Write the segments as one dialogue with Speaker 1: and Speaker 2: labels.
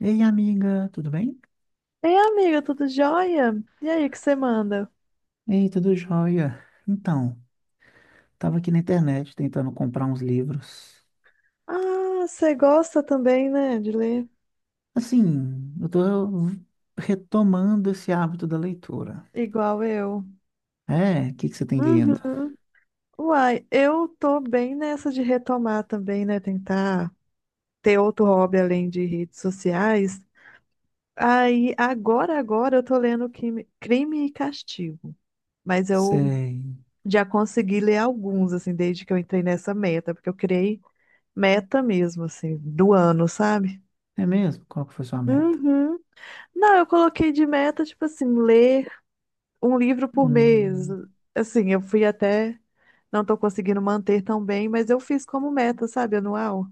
Speaker 1: Ei, amiga, tudo bem?
Speaker 2: Ei, amiga, tudo jóia? E aí, o que você manda?
Speaker 1: Ei, tudo jóia. Então, tava aqui na internet tentando comprar uns livros.
Speaker 2: Ah, você gosta também, né, de ler?
Speaker 1: Assim, eu tô retomando esse hábito da leitura.
Speaker 2: Igual eu.
Speaker 1: É, o que que você tem lido?
Speaker 2: Uhum. Uai, eu tô bem nessa de retomar também, né? Tentar ter outro hobby além de redes sociais. Aí, agora eu tô lendo Crime e Castigo. Mas eu
Speaker 1: Sei.
Speaker 2: já consegui ler alguns, assim, desde que eu entrei nessa meta, porque eu criei meta mesmo, assim, do ano, sabe?
Speaker 1: É mesmo? Qual que foi sua meta?
Speaker 2: Uhum. Não, eu coloquei de meta, tipo assim, ler um livro por mês.
Speaker 1: Hum,
Speaker 2: Assim, eu fui até, não tô conseguindo manter tão bem, mas eu fiz como meta, sabe, anual,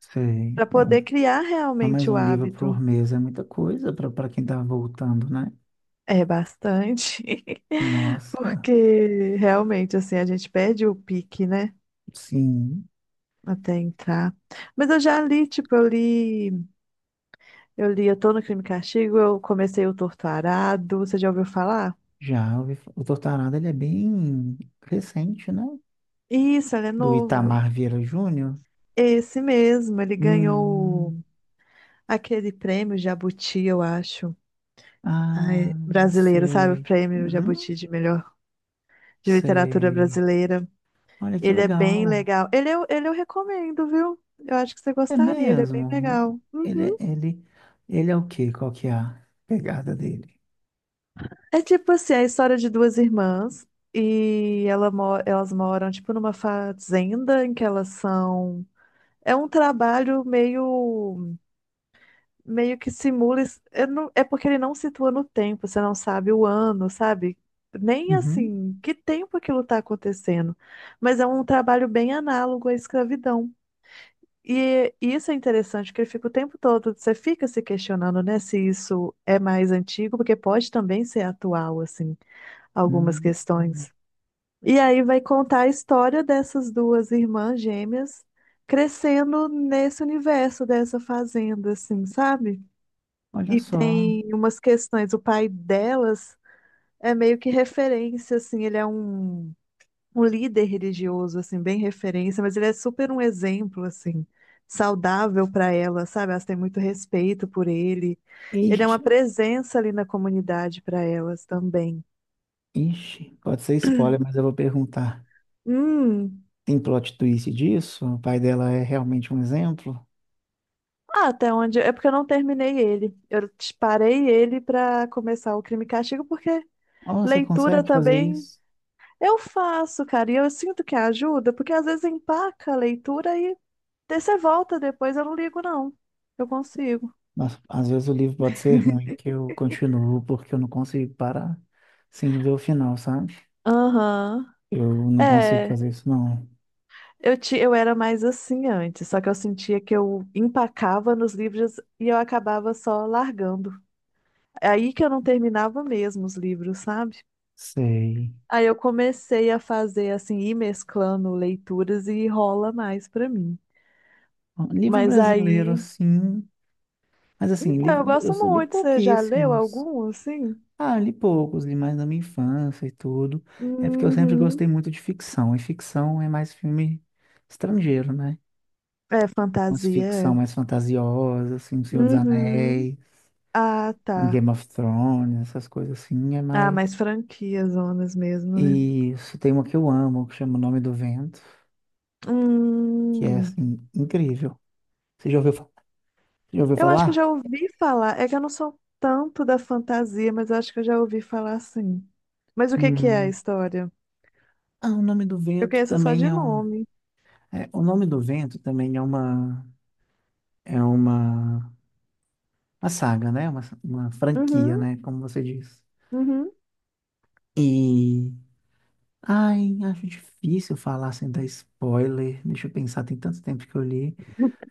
Speaker 1: sei.
Speaker 2: para
Speaker 1: É um,
Speaker 2: poder criar
Speaker 1: não, mais
Speaker 2: realmente o
Speaker 1: um livro por
Speaker 2: hábito.
Speaker 1: mês é muita coisa para quem tá voltando, né?
Speaker 2: É bastante,
Speaker 1: Nossa,
Speaker 2: porque realmente, assim, a gente perde o pique, né?
Speaker 1: sim.
Speaker 2: Até entrar. Mas eu já li, tipo, eu li Eu Tô no Crime e Castigo, eu comecei o Torto Arado, você já ouviu falar?
Speaker 1: Já ouvi, o Tortarada ele é bem recente, né?
Speaker 2: Isso, ele é
Speaker 1: Do
Speaker 2: novo.
Speaker 1: Itamar Vieira Júnior.
Speaker 2: Esse mesmo, ele
Speaker 1: Hum,
Speaker 2: ganhou aquele prêmio Jabuti, eu acho. Ai,
Speaker 1: ah,
Speaker 2: brasileiro, sabe? O
Speaker 1: sei.
Speaker 2: prêmio Jabuti
Speaker 1: Uhum,
Speaker 2: de melhor de literatura
Speaker 1: sei.
Speaker 2: brasileira.
Speaker 1: Olha que
Speaker 2: Ele é bem
Speaker 1: legal.
Speaker 2: legal. Ele eu recomendo, viu? Eu acho que você
Speaker 1: É
Speaker 2: gostaria, ele é
Speaker 1: mesmo.
Speaker 2: bem legal.
Speaker 1: Ele,
Speaker 2: Uhum.
Speaker 1: ele, ele é o quê? Qual que é a pegada dele?
Speaker 2: É tipo assim, a história de duas irmãs e ela, elas moram tipo numa fazenda em que elas são. É um trabalho meio que simula. Eu não, é porque ele não situa no tempo, você não sabe o ano, sabe? Nem
Speaker 1: Uhum.
Speaker 2: assim, que tempo aquilo está acontecendo. Mas é um trabalho bem análogo à escravidão. E isso é interessante, porque ele fica o tempo todo, você fica se questionando, né, se isso é mais antigo, porque pode também ser atual, assim, algumas
Speaker 1: Hum, hum.
Speaker 2: questões. E aí vai contar a história dessas duas irmãs gêmeas crescendo nesse universo dessa fazenda, assim, sabe?
Speaker 1: olha
Speaker 2: E
Speaker 1: só.
Speaker 2: tem umas questões. O pai delas é meio que referência, assim, ele é um, um líder religioso, assim, bem referência, mas ele é super um exemplo, assim, saudável para elas, sabe? Elas têm muito respeito por ele. Ele é uma
Speaker 1: Ixi,
Speaker 2: presença ali na comunidade para elas também.
Speaker 1: ixi. Pode ser spoiler, mas eu vou perguntar.
Speaker 2: Hum.
Speaker 1: Tem plot twist disso? O pai dela é realmente um exemplo?
Speaker 2: Ah, até onde? É porque eu não terminei ele. Eu parei ele para começar o Crime e Castigo, porque
Speaker 1: Oh, você
Speaker 2: leitura
Speaker 1: consegue fazer
Speaker 2: também
Speaker 1: isso?
Speaker 2: eu faço, cara, e eu sinto que ajuda, porque às vezes empaca a leitura e daí você volta depois, eu não ligo, não. Eu consigo.
Speaker 1: Mas às vezes o livro pode ser ruim, que eu continuo porque eu não consigo parar sem ver o final, sabe?
Speaker 2: Aham.
Speaker 1: Eu não consigo
Speaker 2: É,
Speaker 1: fazer isso, não.
Speaker 2: eu era mais assim antes, só que eu sentia que eu empacava nos livros e eu acabava só largando. É aí que eu não terminava mesmo os livros, sabe?
Speaker 1: Sei.
Speaker 2: Aí eu comecei a fazer assim, ir mesclando leituras e rola mais pra mim.
Speaker 1: Livro
Speaker 2: Mas
Speaker 1: brasileiro,
Speaker 2: aí.
Speaker 1: sim. Mas assim,
Speaker 2: Então, eu
Speaker 1: livro, eu
Speaker 2: gosto
Speaker 1: só li
Speaker 2: muito. Você já leu
Speaker 1: pouquíssimos.
Speaker 2: algum, assim?
Speaker 1: Ah, li poucos, li mais na minha infância e tudo. É porque eu sempre
Speaker 2: Uhum.
Speaker 1: gostei muito de ficção. E ficção é mais filme estrangeiro, né?
Speaker 2: É
Speaker 1: Umas
Speaker 2: fantasia,
Speaker 1: ficção
Speaker 2: é.
Speaker 1: mais fantasiosas, assim, O Senhor dos
Speaker 2: Uhum.
Speaker 1: Anéis,
Speaker 2: Ah,
Speaker 1: um
Speaker 2: tá.
Speaker 1: Game of Thrones, essas coisas assim, é
Speaker 2: Ah,
Speaker 1: mais.
Speaker 2: mas franquias, zonas mesmo, né?
Speaker 1: E isso, tem uma que eu amo, que chama O Nome do Vento, que é,
Speaker 2: Hum,
Speaker 1: assim, incrível. Você já ouviu, já ouviu
Speaker 2: eu acho que eu
Speaker 1: falar?
Speaker 2: já ouvi falar. É que eu não sou tanto da fantasia, mas eu acho que eu já ouvi falar sim. Mas o que que é a
Speaker 1: Hum.
Speaker 2: história?
Speaker 1: Ah, O Nome do
Speaker 2: Eu
Speaker 1: Vento
Speaker 2: conheço só
Speaker 1: também
Speaker 2: de
Speaker 1: é um...
Speaker 2: nome.
Speaker 1: É, o Nome do Vento também É uma... Uma saga, né? Uma franquia,
Speaker 2: Uhum,
Speaker 1: né? Como você diz.
Speaker 2: uhum.
Speaker 1: E... Ai, acho difícil falar sem dar spoiler. Deixa eu pensar, tem tanto tempo que eu li.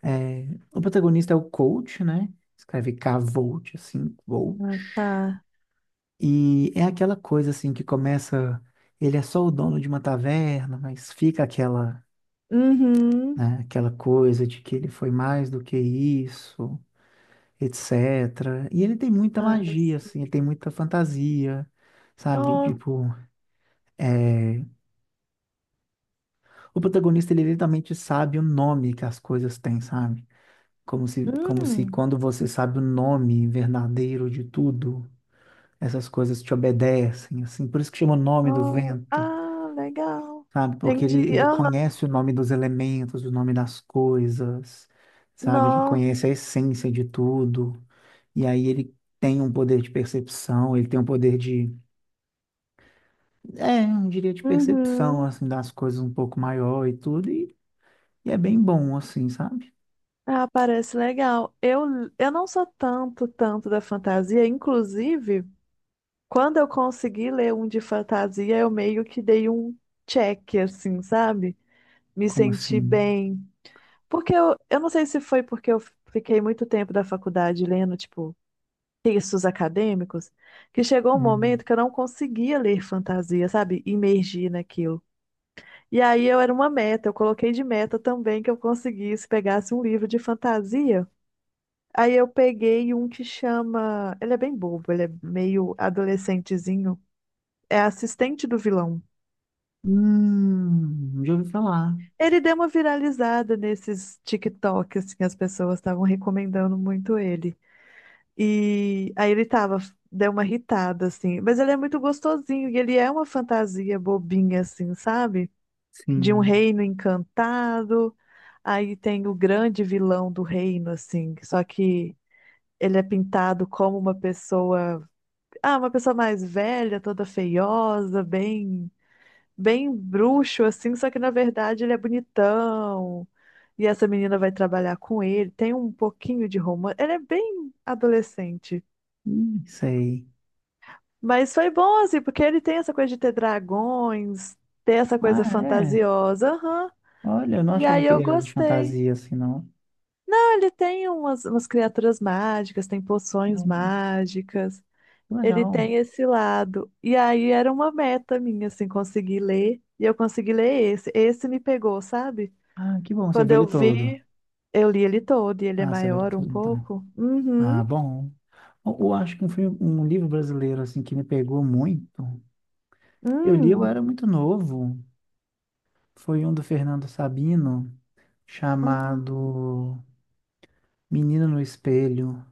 Speaker 1: É, o protagonista é o Colt, né? Escreve K-Volt, assim, Colt.
Speaker 2: Ah, tá.
Speaker 1: E é aquela coisa assim que começa, ele é só o dono de uma taverna, mas fica aquela,
Speaker 2: Uhum.
Speaker 1: né, aquela coisa de que ele foi mais do que isso, etc. E ele tem muita
Speaker 2: Ah,
Speaker 1: magia,
Speaker 2: sim.
Speaker 1: assim, ele tem muita fantasia, sabe?
Speaker 2: Oh,
Speaker 1: Tipo, é, o protagonista ele literalmente sabe o nome que as coisas têm, sabe? Como se
Speaker 2: hum.
Speaker 1: quando você sabe o nome verdadeiro de tudo, essas coisas te obedecem, assim. Por isso que chama o nome do
Speaker 2: Oh,
Speaker 1: vento.
Speaker 2: ah, legal.
Speaker 1: Sabe? Porque
Speaker 2: Entendi.
Speaker 1: ele
Speaker 2: Aham.
Speaker 1: conhece o nome dos elementos, o nome das coisas, sabe? Ele
Speaker 2: Nó.
Speaker 1: conhece a essência de tudo. E aí ele tem um poder de percepção, ele tem um poder de, é, eu diria de percepção,
Speaker 2: Uhum.
Speaker 1: assim, das coisas um pouco maior e tudo. E é bem bom, assim, sabe?
Speaker 2: Ah, parece legal. Eu não sou tanto da fantasia. Inclusive, quando eu consegui ler um de fantasia, eu meio que dei um check, assim, sabe? Me
Speaker 1: Como
Speaker 2: senti
Speaker 1: assim?
Speaker 2: bem. Porque eu não sei se foi porque eu fiquei muito tempo da faculdade lendo, tipo, textos acadêmicos, que chegou um
Speaker 1: Hum,
Speaker 2: momento que eu não conseguia ler fantasia, sabe? Imergir naquilo. E aí eu era uma meta, eu coloquei de meta também que eu conseguisse, pegasse um livro de fantasia. Aí eu peguei um que chama. Ele é bem bobo, ele é meio adolescentezinho. É assistente do vilão.
Speaker 1: já ouvi falar.
Speaker 2: Ele deu uma viralizada nesses TikTok, assim, as pessoas estavam recomendando muito ele. E aí ele tava, deu uma irritada, assim. Mas ele é muito gostosinho e ele é uma fantasia bobinha, assim, sabe? De um
Speaker 1: Sim.
Speaker 2: reino encantado. Aí tem o grande vilão do reino, assim. Só que ele é pintado como uma pessoa. Ah, uma pessoa mais velha, toda feiosa, bem, bem bruxo, assim, só que na verdade ele é bonitão. E essa menina vai trabalhar com ele, tem um pouquinho de romance. Ele é bem adolescente.
Speaker 1: Sei.
Speaker 2: Mas foi bom, assim, porque ele tem essa coisa de ter dragões, ter essa
Speaker 1: Ah,
Speaker 2: coisa
Speaker 1: é.
Speaker 2: fantasiosa, aham.
Speaker 1: Olha, eu não
Speaker 2: E
Speaker 1: achava
Speaker 2: aí
Speaker 1: que
Speaker 2: eu
Speaker 1: ele era de
Speaker 2: gostei.
Speaker 1: fantasia assim, não.
Speaker 2: Ah, ele tem umas criaturas mágicas, tem poções
Speaker 1: Hum,
Speaker 2: mágicas.
Speaker 1: que
Speaker 2: Ele
Speaker 1: legal.
Speaker 2: tem esse lado. E aí era uma meta minha, assim, conseguir ler. E eu consegui ler esse. Esse me pegou, sabe?
Speaker 1: Ah, que bom, você
Speaker 2: Quando
Speaker 1: viu
Speaker 2: eu
Speaker 1: ele todo.
Speaker 2: vi, eu li ele todo. E ele é
Speaker 1: Ah, você viu ele
Speaker 2: maior um
Speaker 1: todo, então.
Speaker 2: pouco. Uhum.
Speaker 1: Ah, bom. Eu acho que um filme, um livro brasileiro, assim, que me pegou muito. Eu li, eu era
Speaker 2: Hum.
Speaker 1: muito novo. Foi um do Fernando Sabino,
Speaker 2: Ah,
Speaker 1: chamado Menino no Espelho.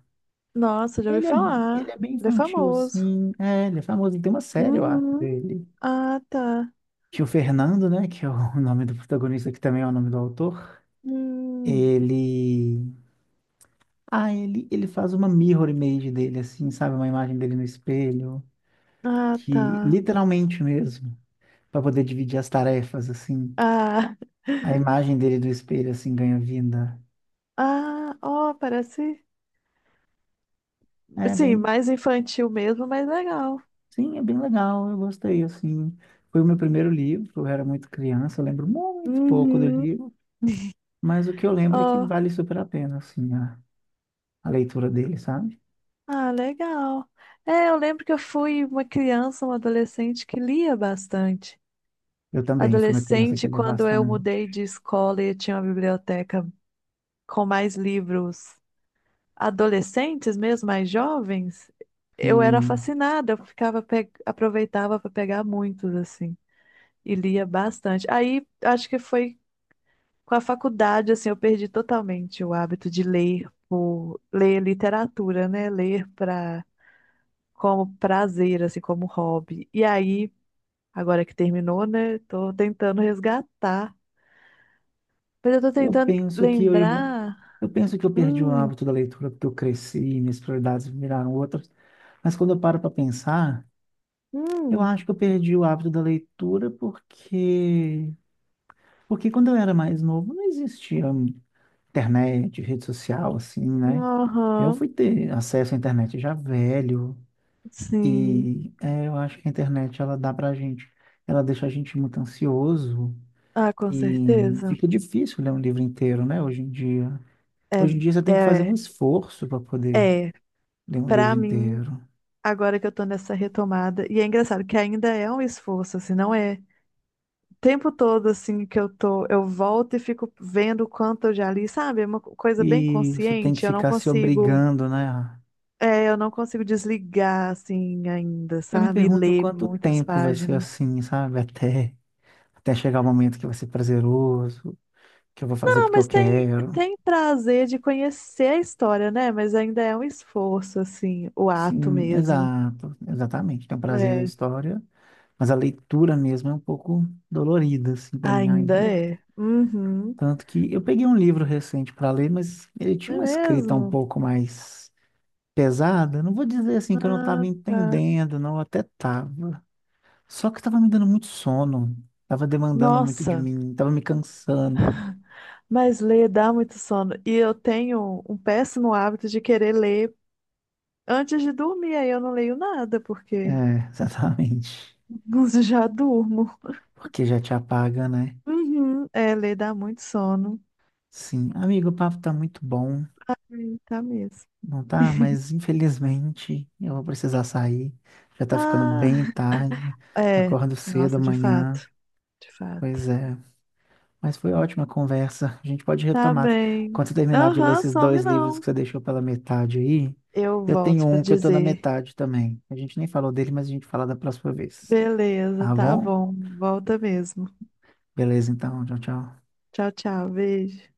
Speaker 2: nossa, já ouvi
Speaker 1: Ele é, ele
Speaker 2: falar.
Speaker 1: é bem
Speaker 2: Ele é
Speaker 1: infantil,
Speaker 2: famoso.
Speaker 1: assim. É, ele é famoso. Ele tem uma série, eu acho,
Speaker 2: Uhum.
Speaker 1: dele.
Speaker 2: Ah, tá.
Speaker 1: Que o Fernando, né, que é o nome do protagonista, que também é o nome do autor,
Speaker 2: Hum.
Speaker 1: ele... Ah, ele faz uma mirror image dele, assim, sabe? Uma imagem dele no espelho,
Speaker 2: Ah,
Speaker 1: que
Speaker 2: tá.
Speaker 1: literalmente mesmo, para poder dividir as tarefas, assim.
Speaker 2: Ah,
Speaker 1: A imagem dele do espelho, assim, ganha vida.
Speaker 2: ah, ó, parece.
Speaker 1: É
Speaker 2: Sim,
Speaker 1: bem...
Speaker 2: mais infantil mesmo, mas legal.
Speaker 1: Sim, é bem legal, eu gostei, assim. Foi o meu primeiro livro, eu era muito criança, eu lembro muito pouco do
Speaker 2: Uhum.
Speaker 1: livro, mas o que eu lembro é que
Speaker 2: Ó.
Speaker 1: vale super a pena, assim, a leitura dele, sabe?
Speaker 2: Ah, legal. É, eu lembro que eu fui uma criança, uma adolescente que lia bastante.
Speaker 1: Eu também, eu fui uma criança que
Speaker 2: Adolescente,
Speaker 1: lia
Speaker 2: quando eu
Speaker 1: bastante.
Speaker 2: mudei de escola e tinha uma biblioteca com mais livros adolescentes mesmo, mais jovens, eu era
Speaker 1: Sim,
Speaker 2: fascinada, eu ficava aproveitava para pegar muitos assim e lia bastante. Aí acho que foi com a faculdade assim, eu perdi totalmente o hábito de ler, por ler literatura, né? Ler para como prazer, assim, como hobby. E aí, agora que terminou, né? Tô tentando resgatar. Mas eu tô
Speaker 1: eu
Speaker 2: tentando
Speaker 1: penso que eu,
Speaker 2: lembrar.
Speaker 1: eu penso que eu perdi o
Speaker 2: Hum,
Speaker 1: hábito da leitura porque eu cresci, minhas prioridades viraram outras. Mas quando eu paro para pensar, eu acho
Speaker 2: hum,
Speaker 1: que eu perdi o hábito da leitura porque quando eu era mais novo não existia internet, rede social assim, né? Eu
Speaker 2: aham,
Speaker 1: fui ter acesso à internet já velho
Speaker 2: sim.
Speaker 1: e é, eu acho que a internet ela dá pra gente, ela deixa a gente muito ansioso.
Speaker 2: Ah, com
Speaker 1: E
Speaker 2: certeza.
Speaker 1: fica difícil ler um livro inteiro, né, hoje em dia.
Speaker 2: É,
Speaker 1: Hoje em dia você tem que fazer
Speaker 2: é,
Speaker 1: um esforço para poder
Speaker 2: é.
Speaker 1: ler um livro
Speaker 2: Pra mim,
Speaker 1: inteiro.
Speaker 2: agora que eu tô nessa retomada, e é engraçado que ainda é um esforço, assim, não é. O tempo todo, assim, que eu tô, eu volto e fico vendo o quanto eu já li, sabe? É uma coisa bem
Speaker 1: E você tem que
Speaker 2: consciente, eu não
Speaker 1: ficar se
Speaker 2: consigo.
Speaker 1: obrigando, né?
Speaker 2: É, eu não consigo desligar assim ainda,
Speaker 1: Eu me
Speaker 2: sabe? E
Speaker 1: pergunto
Speaker 2: ler
Speaker 1: quanto
Speaker 2: muitas
Speaker 1: tempo vai ser
Speaker 2: páginas.
Speaker 1: assim, sabe? Até chegar o momento que vai ser prazeroso, que eu vou fazer
Speaker 2: Ah,
Speaker 1: porque
Speaker 2: mas
Speaker 1: eu
Speaker 2: tem,
Speaker 1: quero.
Speaker 2: tem prazer de conhecer a história, né? Mas ainda é um esforço, assim, o ato
Speaker 1: Sim,
Speaker 2: mesmo.
Speaker 1: exato, exatamente. Tem o prazer da
Speaker 2: É.
Speaker 1: história, mas a leitura mesmo é um pouco dolorida, assim, para mim
Speaker 2: Ainda
Speaker 1: ainda.
Speaker 2: é. Uhum.
Speaker 1: Tanto que eu peguei um livro recente para ler, mas ele
Speaker 2: Não
Speaker 1: tinha
Speaker 2: é
Speaker 1: uma escrita um
Speaker 2: mesmo?
Speaker 1: pouco mais pesada. Não vou dizer assim que eu não
Speaker 2: Ah,
Speaker 1: estava
Speaker 2: tá.
Speaker 1: entendendo, não, até estava. Só que estava me dando muito sono, estava demandando muito de
Speaker 2: Nossa,
Speaker 1: mim, estava me cansando.
Speaker 2: mas ler dá muito sono. E eu tenho um péssimo hábito de querer ler antes de dormir. Aí eu não leio nada, porque
Speaker 1: É, exatamente.
Speaker 2: já durmo.
Speaker 1: Porque já te apaga, né?
Speaker 2: Uhum. É, ler dá muito sono.
Speaker 1: Sim, amigo, o papo tá muito bom,
Speaker 2: Sim, tá mesmo.
Speaker 1: não tá? Mas infelizmente eu vou precisar sair. Já tá ficando
Speaker 2: Ah,
Speaker 1: bem tarde.
Speaker 2: é.
Speaker 1: Acordo cedo
Speaker 2: Nossa, de
Speaker 1: amanhã.
Speaker 2: fato, de
Speaker 1: Pois
Speaker 2: fato.
Speaker 1: é. Mas foi ótima a conversa. A gente pode
Speaker 2: Tá
Speaker 1: retomar.
Speaker 2: bem.
Speaker 1: Quando você terminar de ler
Speaker 2: Aham,
Speaker 1: esses
Speaker 2: some
Speaker 1: dois livros
Speaker 2: não.
Speaker 1: que você deixou pela metade aí,
Speaker 2: Eu
Speaker 1: eu tenho
Speaker 2: volto pra
Speaker 1: um que eu tô na
Speaker 2: dizer.
Speaker 1: metade também. A gente nem falou dele, mas a gente fala da próxima vez.
Speaker 2: Beleza,
Speaker 1: Tá
Speaker 2: tá
Speaker 1: bom?
Speaker 2: bom. Volta mesmo.
Speaker 1: Beleza, então. Tchau, tchau.
Speaker 2: Tchau, tchau. Beijo.